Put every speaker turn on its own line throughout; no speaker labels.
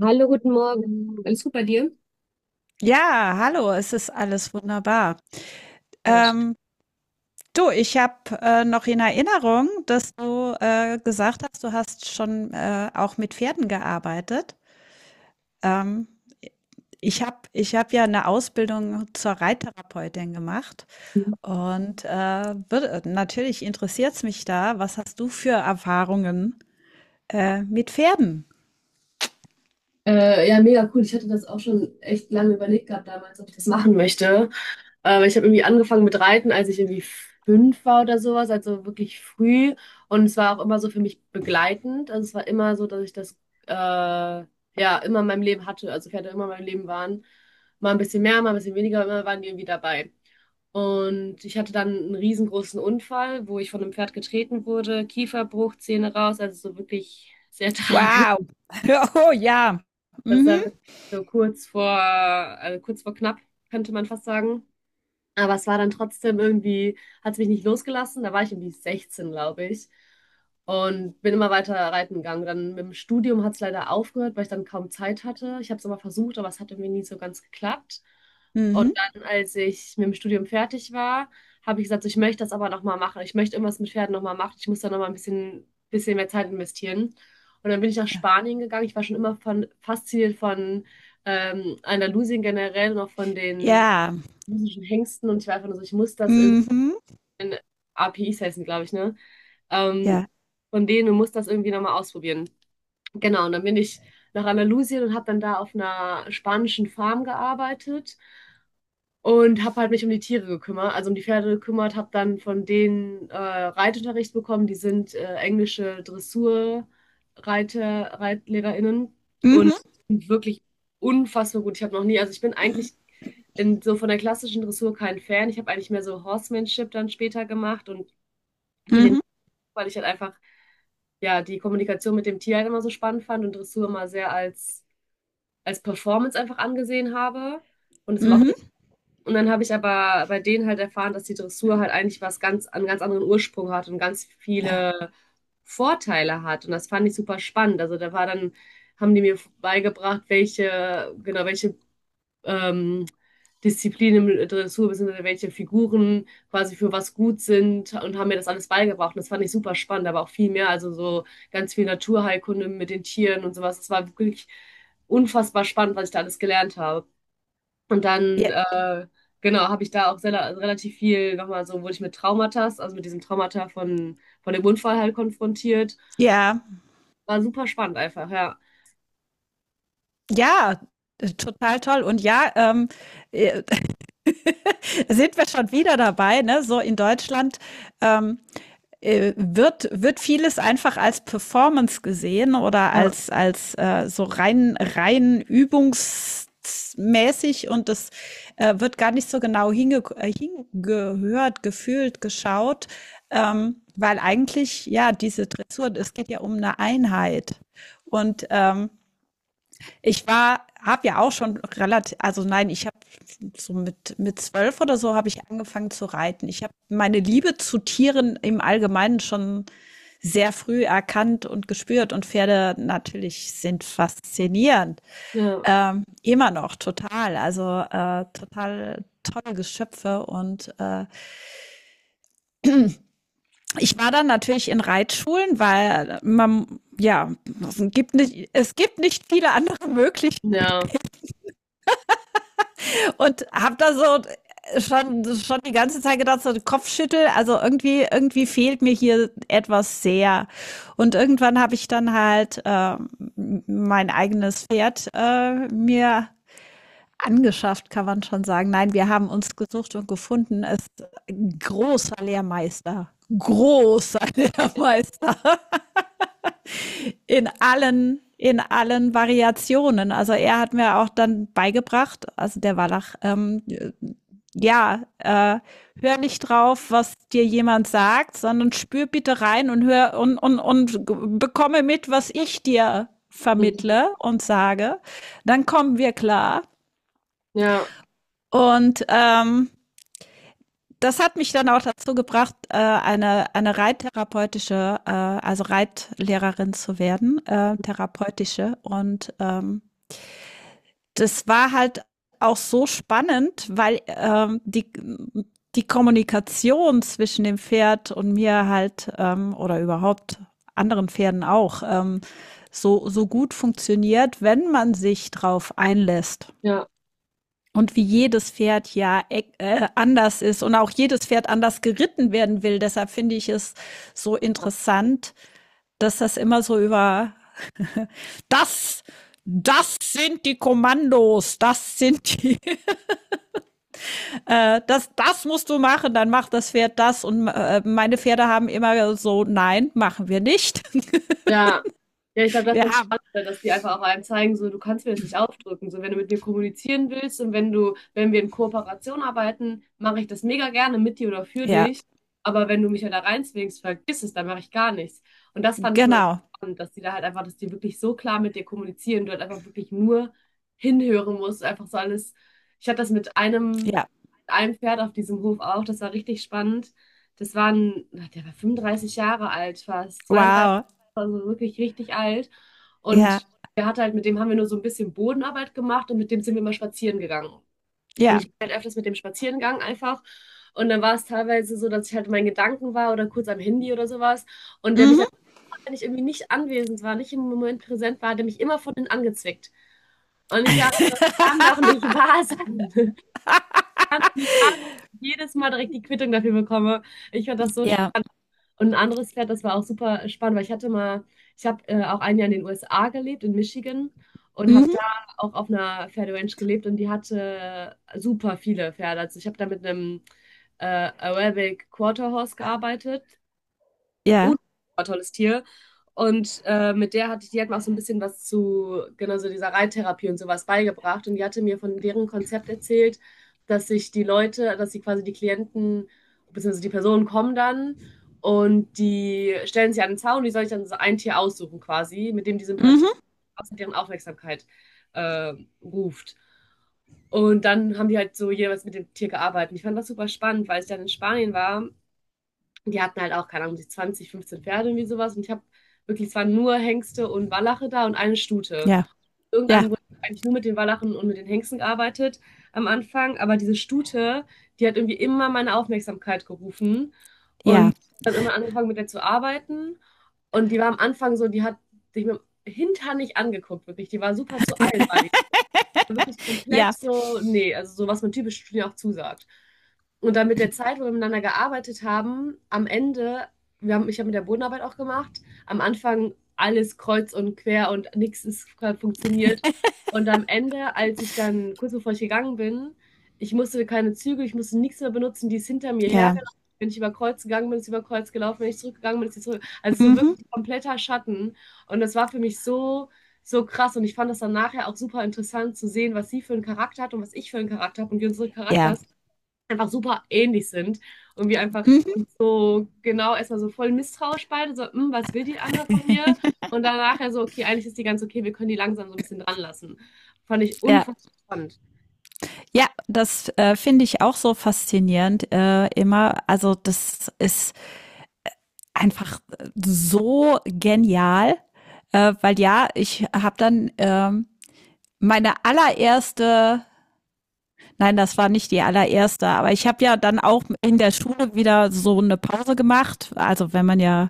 Hallo, guten Morgen. Alles
Ja, hallo, es ist alles wunderbar.
gut.
Ähm, Du, ich habe noch in Erinnerung, dass du gesagt hast, du hast schon auch mit Pferden gearbeitet. Ähm, ich hab ja eine Ausbildung zur Reittherapeutin gemacht, und natürlich interessiert es mich da, was hast du für Erfahrungen mit Pferden?
Ja, mega cool. Ich hatte das auch schon echt lange überlegt gehabt damals, ob ich das machen möchte. Ich habe irgendwie angefangen mit Reiten, als ich irgendwie 5 war oder sowas, also wirklich früh. Und es war auch immer so für mich begleitend. Also es war immer so, dass ich das ja immer in meinem Leben hatte. Also Pferde immer in meinem Leben waren. Mal ein bisschen mehr, mal ein bisschen weniger, aber immer waren die irgendwie dabei. Und ich hatte dann einen riesengroßen Unfall, wo ich von einem Pferd getreten wurde, Kieferbruch, Zähne raus, also so wirklich sehr tragisch.
Wow. Oh ja.
Das war
Mhm.
wirklich so kurz vor, also kurz vor knapp, könnte man fast sagen. Aber es war dann trotzdem irgendwie, hat es mich nicht losgelassen. Da war ich irgendwie 16, glaube ich. Und bin immer weiter reiten gegangen. Dann mit dem Studium hat es leider aufgehört, weil ich dann kaum Zeit hatte. Ich habe es immer versucht, aber es hat irgendwie nie so ganz geklappt. Und
Mhm.
dann, als ich mit dem Studium fertig war, habe ich gesagt, so, ich möchte das aber nochmal machen. Ich möchte irgendwas mit Pferden nochmal machen. Ich muss da nochmal ein bisschen mehr Zeit investieren. Und dann bin ich nach
Ja.
Spanien gegangen. Ich war schon immer von, fasziniert von Andalusien generell und auch von den
Ja.
russischen Hengsten und ich war einfach nur so, ich muss das irgendwie,
Mhm.
APIs heißen, glaube ich, ne? Ähm,
Ja.
von denen, du musst das irgendwie nochmal ausprobieren. Genau, und dann bin ich nach Andalusien und habe dann da auf einer spanischen Farm gearbeitet und habe halt mich um die Tiere gekümmert, also um die Pferde gekümmert, habe dann von denen Reitunterricht bekommen. Die sind englische Dressurreiter, ReitlehrerInnen und
Mhm,
sind wirklich unfassbar gut. Ich habe noch nie, also ich bin eigentlich in, so von der klassischen Dressur kein Fan. Ich habe eigentlich mehr so Horsemanship dann später gemacht und viel, in,
mhm,
weil ich halt einfach ja die Kommunikation mit dem Tier halt immer so spannend fand und Dressur immer sehr als Performance einfach angesehen habe und das mochte.
mhm.
Und dann habe ich aber bei denen halt erfahren, dass die Dressur halt eigentlich was ganz, einen ganz anderen Ursprung hat und ganz
Ja.
viele Vorteile hat. Und das fand ich super spannend. Also da war dann, haben die mir beigebracht, welche, genau, welche ähm, Disziplinen im Dressur, beziehungsweise welche Figuren quasi für was gut sind und haben mir das alles beigebracht. Und das fand ich super spannend, aber auch viel mehr. Also so ganz viel Naturheilkunde mit den Tieren und sowas. Das war wirklich unfassbar spannend, was ich da alles gelernt habe. Und dann,
J
genau, habe ich da auch relativ viel nochmal so, wurde ich mit Traumata, also mit diesem Traumata von dem Unfall halt konfrontiert.
ja,
War super spannend einfach, ja.
ja, total toll. Und ja, äh, sind wir schon wieder dabei, ne? So in Deutschland, ähm, wird vieles einfach als Performance gesehen oder
Ja,
als so rein übungsmäßig, und das wird gar nicht so genau hingehört, gefühlt, geschaut, weil eigentlich, ja, diese Dressur, es geht ja um eine Einheit. Und ich war, habe ja auch schon relativ, also nein, ich habe so mit 12 oder so habe ich angefangen zu reiten. Ich habe meine Liebe zu Tieren im Allgemeinen schon sehr früh erkannt und gespürt, und Pferde natürlich sind faszinierend,
ja,
immer noch total, total tolle Geschöpfe, und ich war dann natürlich in Reitschulen, weil man ja es gibt nicht viele andere Möglichkeiten.
ja.
Und hab da so schon die ganze Zeit gedacht, so Kopfschüttel, also irgendwie fehlt mir hier etwas sehr. Und irgendwann habe ich dann halt mein eigenes Pferd mir angeschafft, kann man schon sagen. Nein, wir haben uns gesucht und gefunden. Es ist ein großer Lehrmeister. Großer Lehrmeister in in allen Variationen. Also er hat mir auch dann beigebracht, also der Wallach, ja, äh, hör nicht drauf, was dir jemand sagt, sondern spür bitte rein und hör und bekomme mit, was ich dir
Mhm.
vermittle und sage. Dann kommen wir klar.
Ja,
Und das hat mich dann auch dazu gebracht, eine reittherapeutische, also Reitlehrerin zu werden, therapeutische. Und das war halt auch so spannend, weil die Kommunikation zwischen dem Pferd und mir halt oder überhaupt anderen Pferden auch so gut funktioniert, wenn man sich drauf einlässt.
ja.
Und wie jedes Pferd ja anders ist und auch jedes Pferd anders geritten werden will. Deshalb finde ich es so interessant, dass das immer so über das, das sind die Kommandos, das sind die, das musst du machen, dann macht das Pferd das. Und meine Pferde haben immer so, nein, machen wir nicht.
Ja, ja, ich glaube, das ist
Wir
das
haben.
Spannende, dass die einfach auch einem zeigen, so, du kannst mir das nicht aufdrücken. So, wenn du mit mir kommunizieren willst und wenn du, wenn wir in Kooperation arbeiten, mache ich das mega gerne mit dir oder für
Ja,
dich. Aber wenn du mich ja da reinzwingst, vergiss es, dann mache ich gar nichts. Und das fand ich immer so
genau.
spannend, dass die da halt einfach, dass die wirklich so klar mit dir kommunizieren, du halt einfach wirklich nur hinhören musst, einfach so alles. Ich hatte das mit einem,
Ja.
einem Pferd auf diesem Hof auch, das war richtig spannend. Das war ein, na, der war 35 Jahre alt, fast 32,
Wow.
also wirklich richtig alt.
Ja.
Und der hat halt, mit dem haben wir nur so ein bisschen Bodenarbeit gemacht und mit dem sind wir immer spazieren gegangen. Und
Ja.
ich bin halt öfters mit dem spazieren gegangen einfach. Und dann war es teilweise so, dass ich halt in meinen Gedanken war oder kurz am Handy oder sowas. Und der mich dann,
Mhm.
wenn ich irgendwie nicht anwesend war, nicht im Moment präsent war, hat der mich immer von innen angezwickt. Und ich war, das kann doch nicht wahr sein. Und ich war, dass ich jedes Mal direkt die Quittung dafür bekomme. Ich fand das so schön.
Ja.
Und ein anderes Pferd, das war auch super spannend, weil ich hatte mal, ich habe auch ein Jahr in den USA gelebt, in Michigan, und habe
Mhm.
da auch auf einer Pferderanch gelebt und die hatte super viele Pferde. Also ich habe da mit einem Arabic Quarter Horse gearbeitet,
Ja.
tolles Tier. Und mit der hatte ich, die hat mir auch so ein bisschen was zu, genau so dieser Reittherapie und sowas beigebracht. Und die hatte mir von deren Konzept erzählt, dass sich die Leute, dass sie quasi die Klienten, beziehungsweise die Personen kommen dann und die stellen sich an den Zaun, die soll ich dann so ein Tier aussuchen quasi, mit dem die Sympathie,
Mhm.
außer deren Aufmerksamkeit äh, ruft. Und dann haben die halt so jeweils mit dem Tier gearbeitet. Ich fand das super spannend, weil ich dann in Spanien war, die hatten halt auch, keine Ahnung, die 20, 15 Pferde, irgendwie sowas. Und ich habe wirklich, es waren nur Hengste und Wallache da und eine Stute.
Ja. Ja.
Irgendeinem Grund hab ich eigentlich nur mit den Wallachen und mit den Hengsten gearbeitet am Anfang. Aber diese Stute, die hat irgendwie immer meine Aufmerksamkeit gerufen. Und
Ja.
dann immer angefangen, mit der zu arbeiten. Und die war am Anfang so, die hat sich mit dem Hintern nicht angeguckt, wirklich. Die war super zu allen, war die so wirklich komplett
Ja,
so, nee, also so, was man typisch Studien auch zusagt. Und dann mit der Zeit, wo wir miteinander gearbeitet haben, am Ende, wir haben, ich habe mit der Bodenarbeit auch gemacht, am Anfang alles kreuz und quer und nichts ist funktioniert. Und am Ende, als ich dann, kurz bevor ich gegangen bin, ich musste keine Züge, ich musste nichts mehr benutzen, die ist hinter mir
ja.
hergelaufen. Wenn ich über Kreuz gegangen bin, ist sie über Kreuz gelaufen. Wenn ich zurückgegangen bin, ist sie zurück. Also so
Mhm.
wirklich kompletter Schatten. Und das war für mich so so krass. Und ich fand das dann nachher auch super interessant zu sehen, was sie für einen Charakter hat und was ich für einen Charakter habe und wie unsere
Ja.
Charakters einfach super ähnlich sind und wir einfach
Mhm.
uns so genau erstmal so voll misstrauisch beide, so, "Hm, was will die andere von mir?" Und dann nachher so, okay, eigentlich ist die ganz okay, wir können die langsam so ein bisschen dran lassen. Fand ich
Ja.
unfassbar spannend.
Ja, das finde ich auch so faszinierend immer. Also das ist einfach so genial, weil ja, ich habe dann meine allererste. Nein, das war nicht die allererste, aber ich habe ja dann auch in der Schule wieder so eine Pause gemacht. Also wenn man ja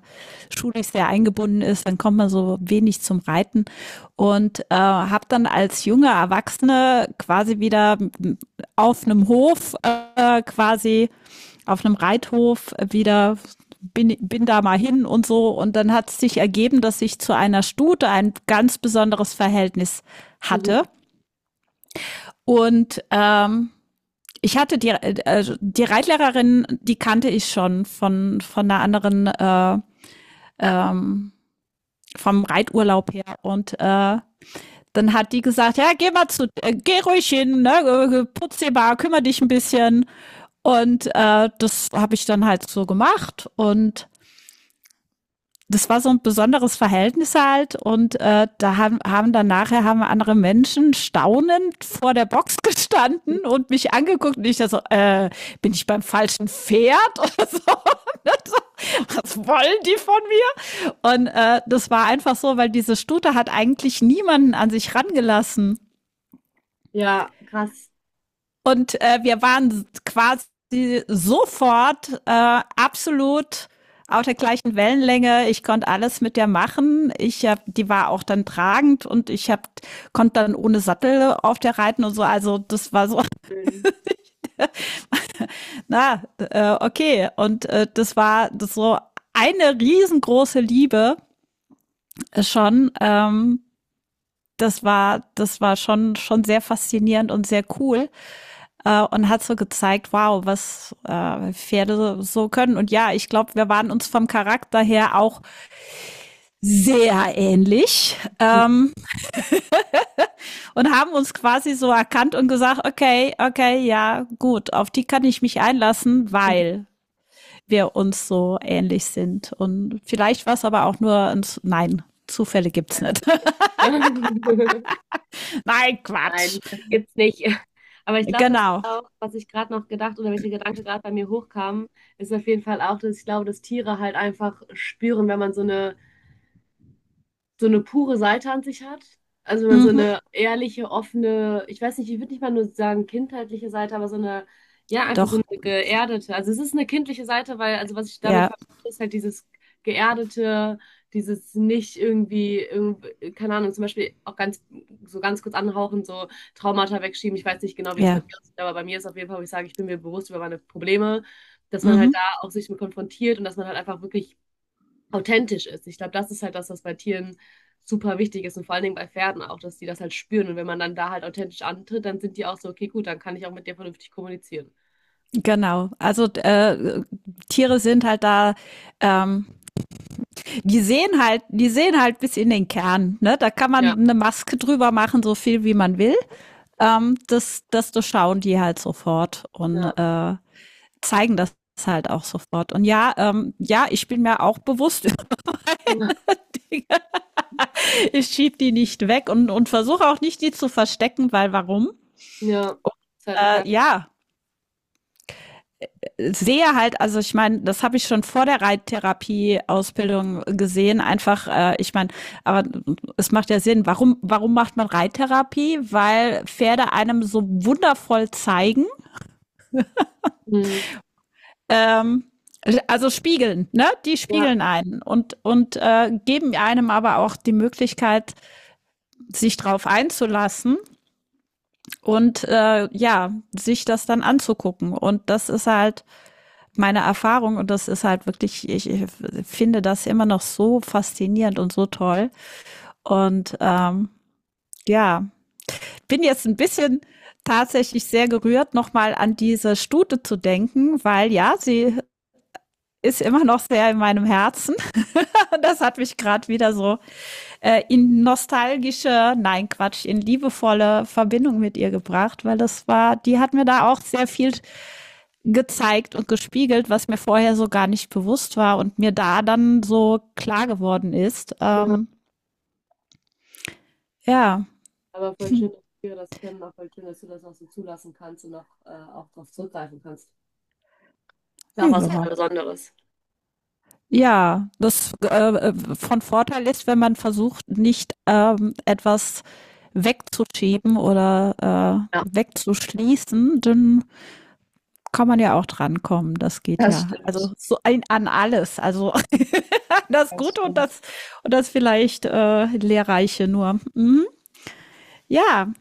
schulisch sehr eingebunden ist, dann kommt man so wenig zum Reiten, und habe dann als junge Erwachsene quasi wieder auf einem Hof, quasi auf einem Reithof wieder bin da mal hin und so. Und dann hat es sich ergeben, dass ich zu einer Stute ein ganz besonderes Verhältnis hatte,
Mhm.
und ich hatte die, also die Reitlehrerin, die kannte ich schon von einer anderen, ähm, vom Reiturlaub her. Und dann hat die gesagt, ja, geh ruhig hin, ne, putz dir mal, kümmere dich ein bisschen. Und das habe ich dann halt so gemacht. Und das war so ein besonderes Verhältnis halt, und haben dann nachher haben andere Menschen staunend vor der Box gestanden und mich angeguckt, und ich da so, bin ich beim falschen Pferd oder so? Was wollen die von mir? Und das war einfach so, weil diese Stute hat eigentlich niemanden an sich rangelassen.
Ja, krass.
Und wir waren quasi sofort absolut auf der gleichen Wellenlänge. Ich konnte alles mit der machen. Die war auch dann tragend, und konnte dann ohne Sattel auf der reiten und so. Also das war so,
Schön.
na, okay. Und das war das so eine riesengroße Liebe schon. Das war schon, schon sehr faszinierend und sehr cool. Und hat so gezeigt, wow, was Pferde so können. Und ja, ich glaube, wir waren uns vom Charakter her auch sehr ähnlich, und haben uns quasi so erkannt und gesagt, okay, okay, ja, gut, auf die kann ich mich einlassen, weil wir uns so ähnlich sind. Und vielleicht war es aber auch nur ein, nein, Zufälle gibt's nicht.
Ja.
Nein,
Nein,
Quatsch.
das gibt's nicht. Aber ich glaube, das ist
Genau.
auch, was ich gerade noch gedacht oder welcher Gedanke gerade bei mir hochkam, ist auf jeden Fall auch, dass ich glaube, dass Tiere halt einfach spüren, wenn man so eine pure Seite an sich hat. Also wenn man so
Mhm.
eine ehrliche, offene, ich weiß nicht, ich würde nicht mal nur sagen kindheitliche Seite, aber so eine, ja, einfach so
Doch,
eine geerdete. Also es ist eine kindliche Seite, weil, also was ich damit
ja,
verstehe, ist halt dieses geerdete, dieses nicht irgendwie, keine Ahnung, zum Beispiel auch ganz, so ganz kurz anhauchen, so Traumata wegschieben. Ich weiß nicht genau, wie das bei
ja.
dir aussieht, aber bei mir ist auf jeden Fall, wo ich sage, ich bin mir bewusst über meine Probleme, dass man halt
Mhm.
da auch sich mit konfrontiert und dass man halt einfach wirklich authentisch ist. Ich glaube, das ist halt das, was bei Tieren super wichtig ist und vor allen Dingen bei Pferden auch, dass die das halt spüren. Und wenn man dann da halt authentisch antritt, dann sind die auch so, okay, gut, dann kann ich auch mit dir vernünftig kommunizieren.
Genau, also Tiere sind halt da, ähm, die sehen halt bis in den Kern. Ne? Da kann
Ja,
man eine Maske drüber machen, so viel wie man will. Das durchschauen die halt sofort, und
ja,
zeigen das halt auch sofort. Und ja, ja, ich bin mir auch bewusst über Dinge. Ich schieb die nicht weg, und versuche auch nicht, die zu verstecken, weil warum?
ja, ist halt ein Teil.
Ja, sehe halt, also ich meine, das habe ich schon vor der Reittherapie-Ausbildung gesehen, einfach, ich meine, aber es macht ja Sinn, warum macht man Reittherapie? Weil Pferde einem so wundervoll zeigen,
Mhm.
ähm, also spiegeln, ne? Die
Ja,
spiegeln einen, und geben einem aber auch die Möglichkeit, sich drauf einzulassen, und ja, sich das dann anzugucken. Und das ist halt meine Erfahrung, und das ist halt wirklich, ich finde das immer noch so faszinierend und so toll. Und ja, ich bin jetzt ein bisschen tatsächlich sehr gerührt, nochmal an diese Stute zu denken, weil ja, sie ist immer noch sehr in meinem Herzen. Das hat mich gerade wieder so in nostalgische, nein Quatsch, in liebevolle Verbindung mit ihr gebracht, weil das war, die hat mir da auch sehr viel gezeigt und gespiegelt, was mir vorher so gar nicht bewusst war und mir da dann so klar geworden ist.
ja,
Ja.
aber voll schön, dass Tiere das können, auch voll schön, dass du das auch so zulassen kannst und auch, auch darauf zurückgreifen kannst. Ist auch was
Ja.
total Besonderes.
Ja, das von Vorteil ist, wenn man versucht, nicht etwas wegzuschieben oder wegzuschließen, dann kann man ja auch drankommen, das geht ja. Also so ein, an alles, also das Gute und das vielleicht Lehrreiche nur. Mhm. Ja,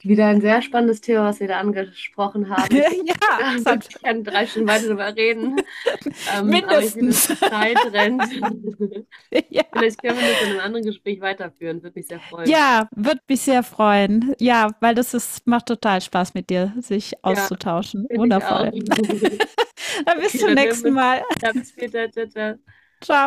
Wieder ein sehr spannendes Thema, was wir da angesprochen haben. Ich würde
ja,
da
das hat
wirklich gerne 3 Stunden weiter darüber reden. Aber ich sehe, dass
mindestens.
die Zeit rennt.
Ja.
Vielleicht können wir das in einem anderen Gespräch weiterführen. Würde mich sehr freuen.
Ja, wird mich sehr freuen. Ja, weil das ist, macht total Spaß mit dir, sich
Ja,
auszutauschen.
finde ich auch.
Wundervoll. Dann bis
Okay,
zum
dann hören
nächsten
wir uns.
Mal.
Ja, bis später. Ciao, ciao.
Ciao.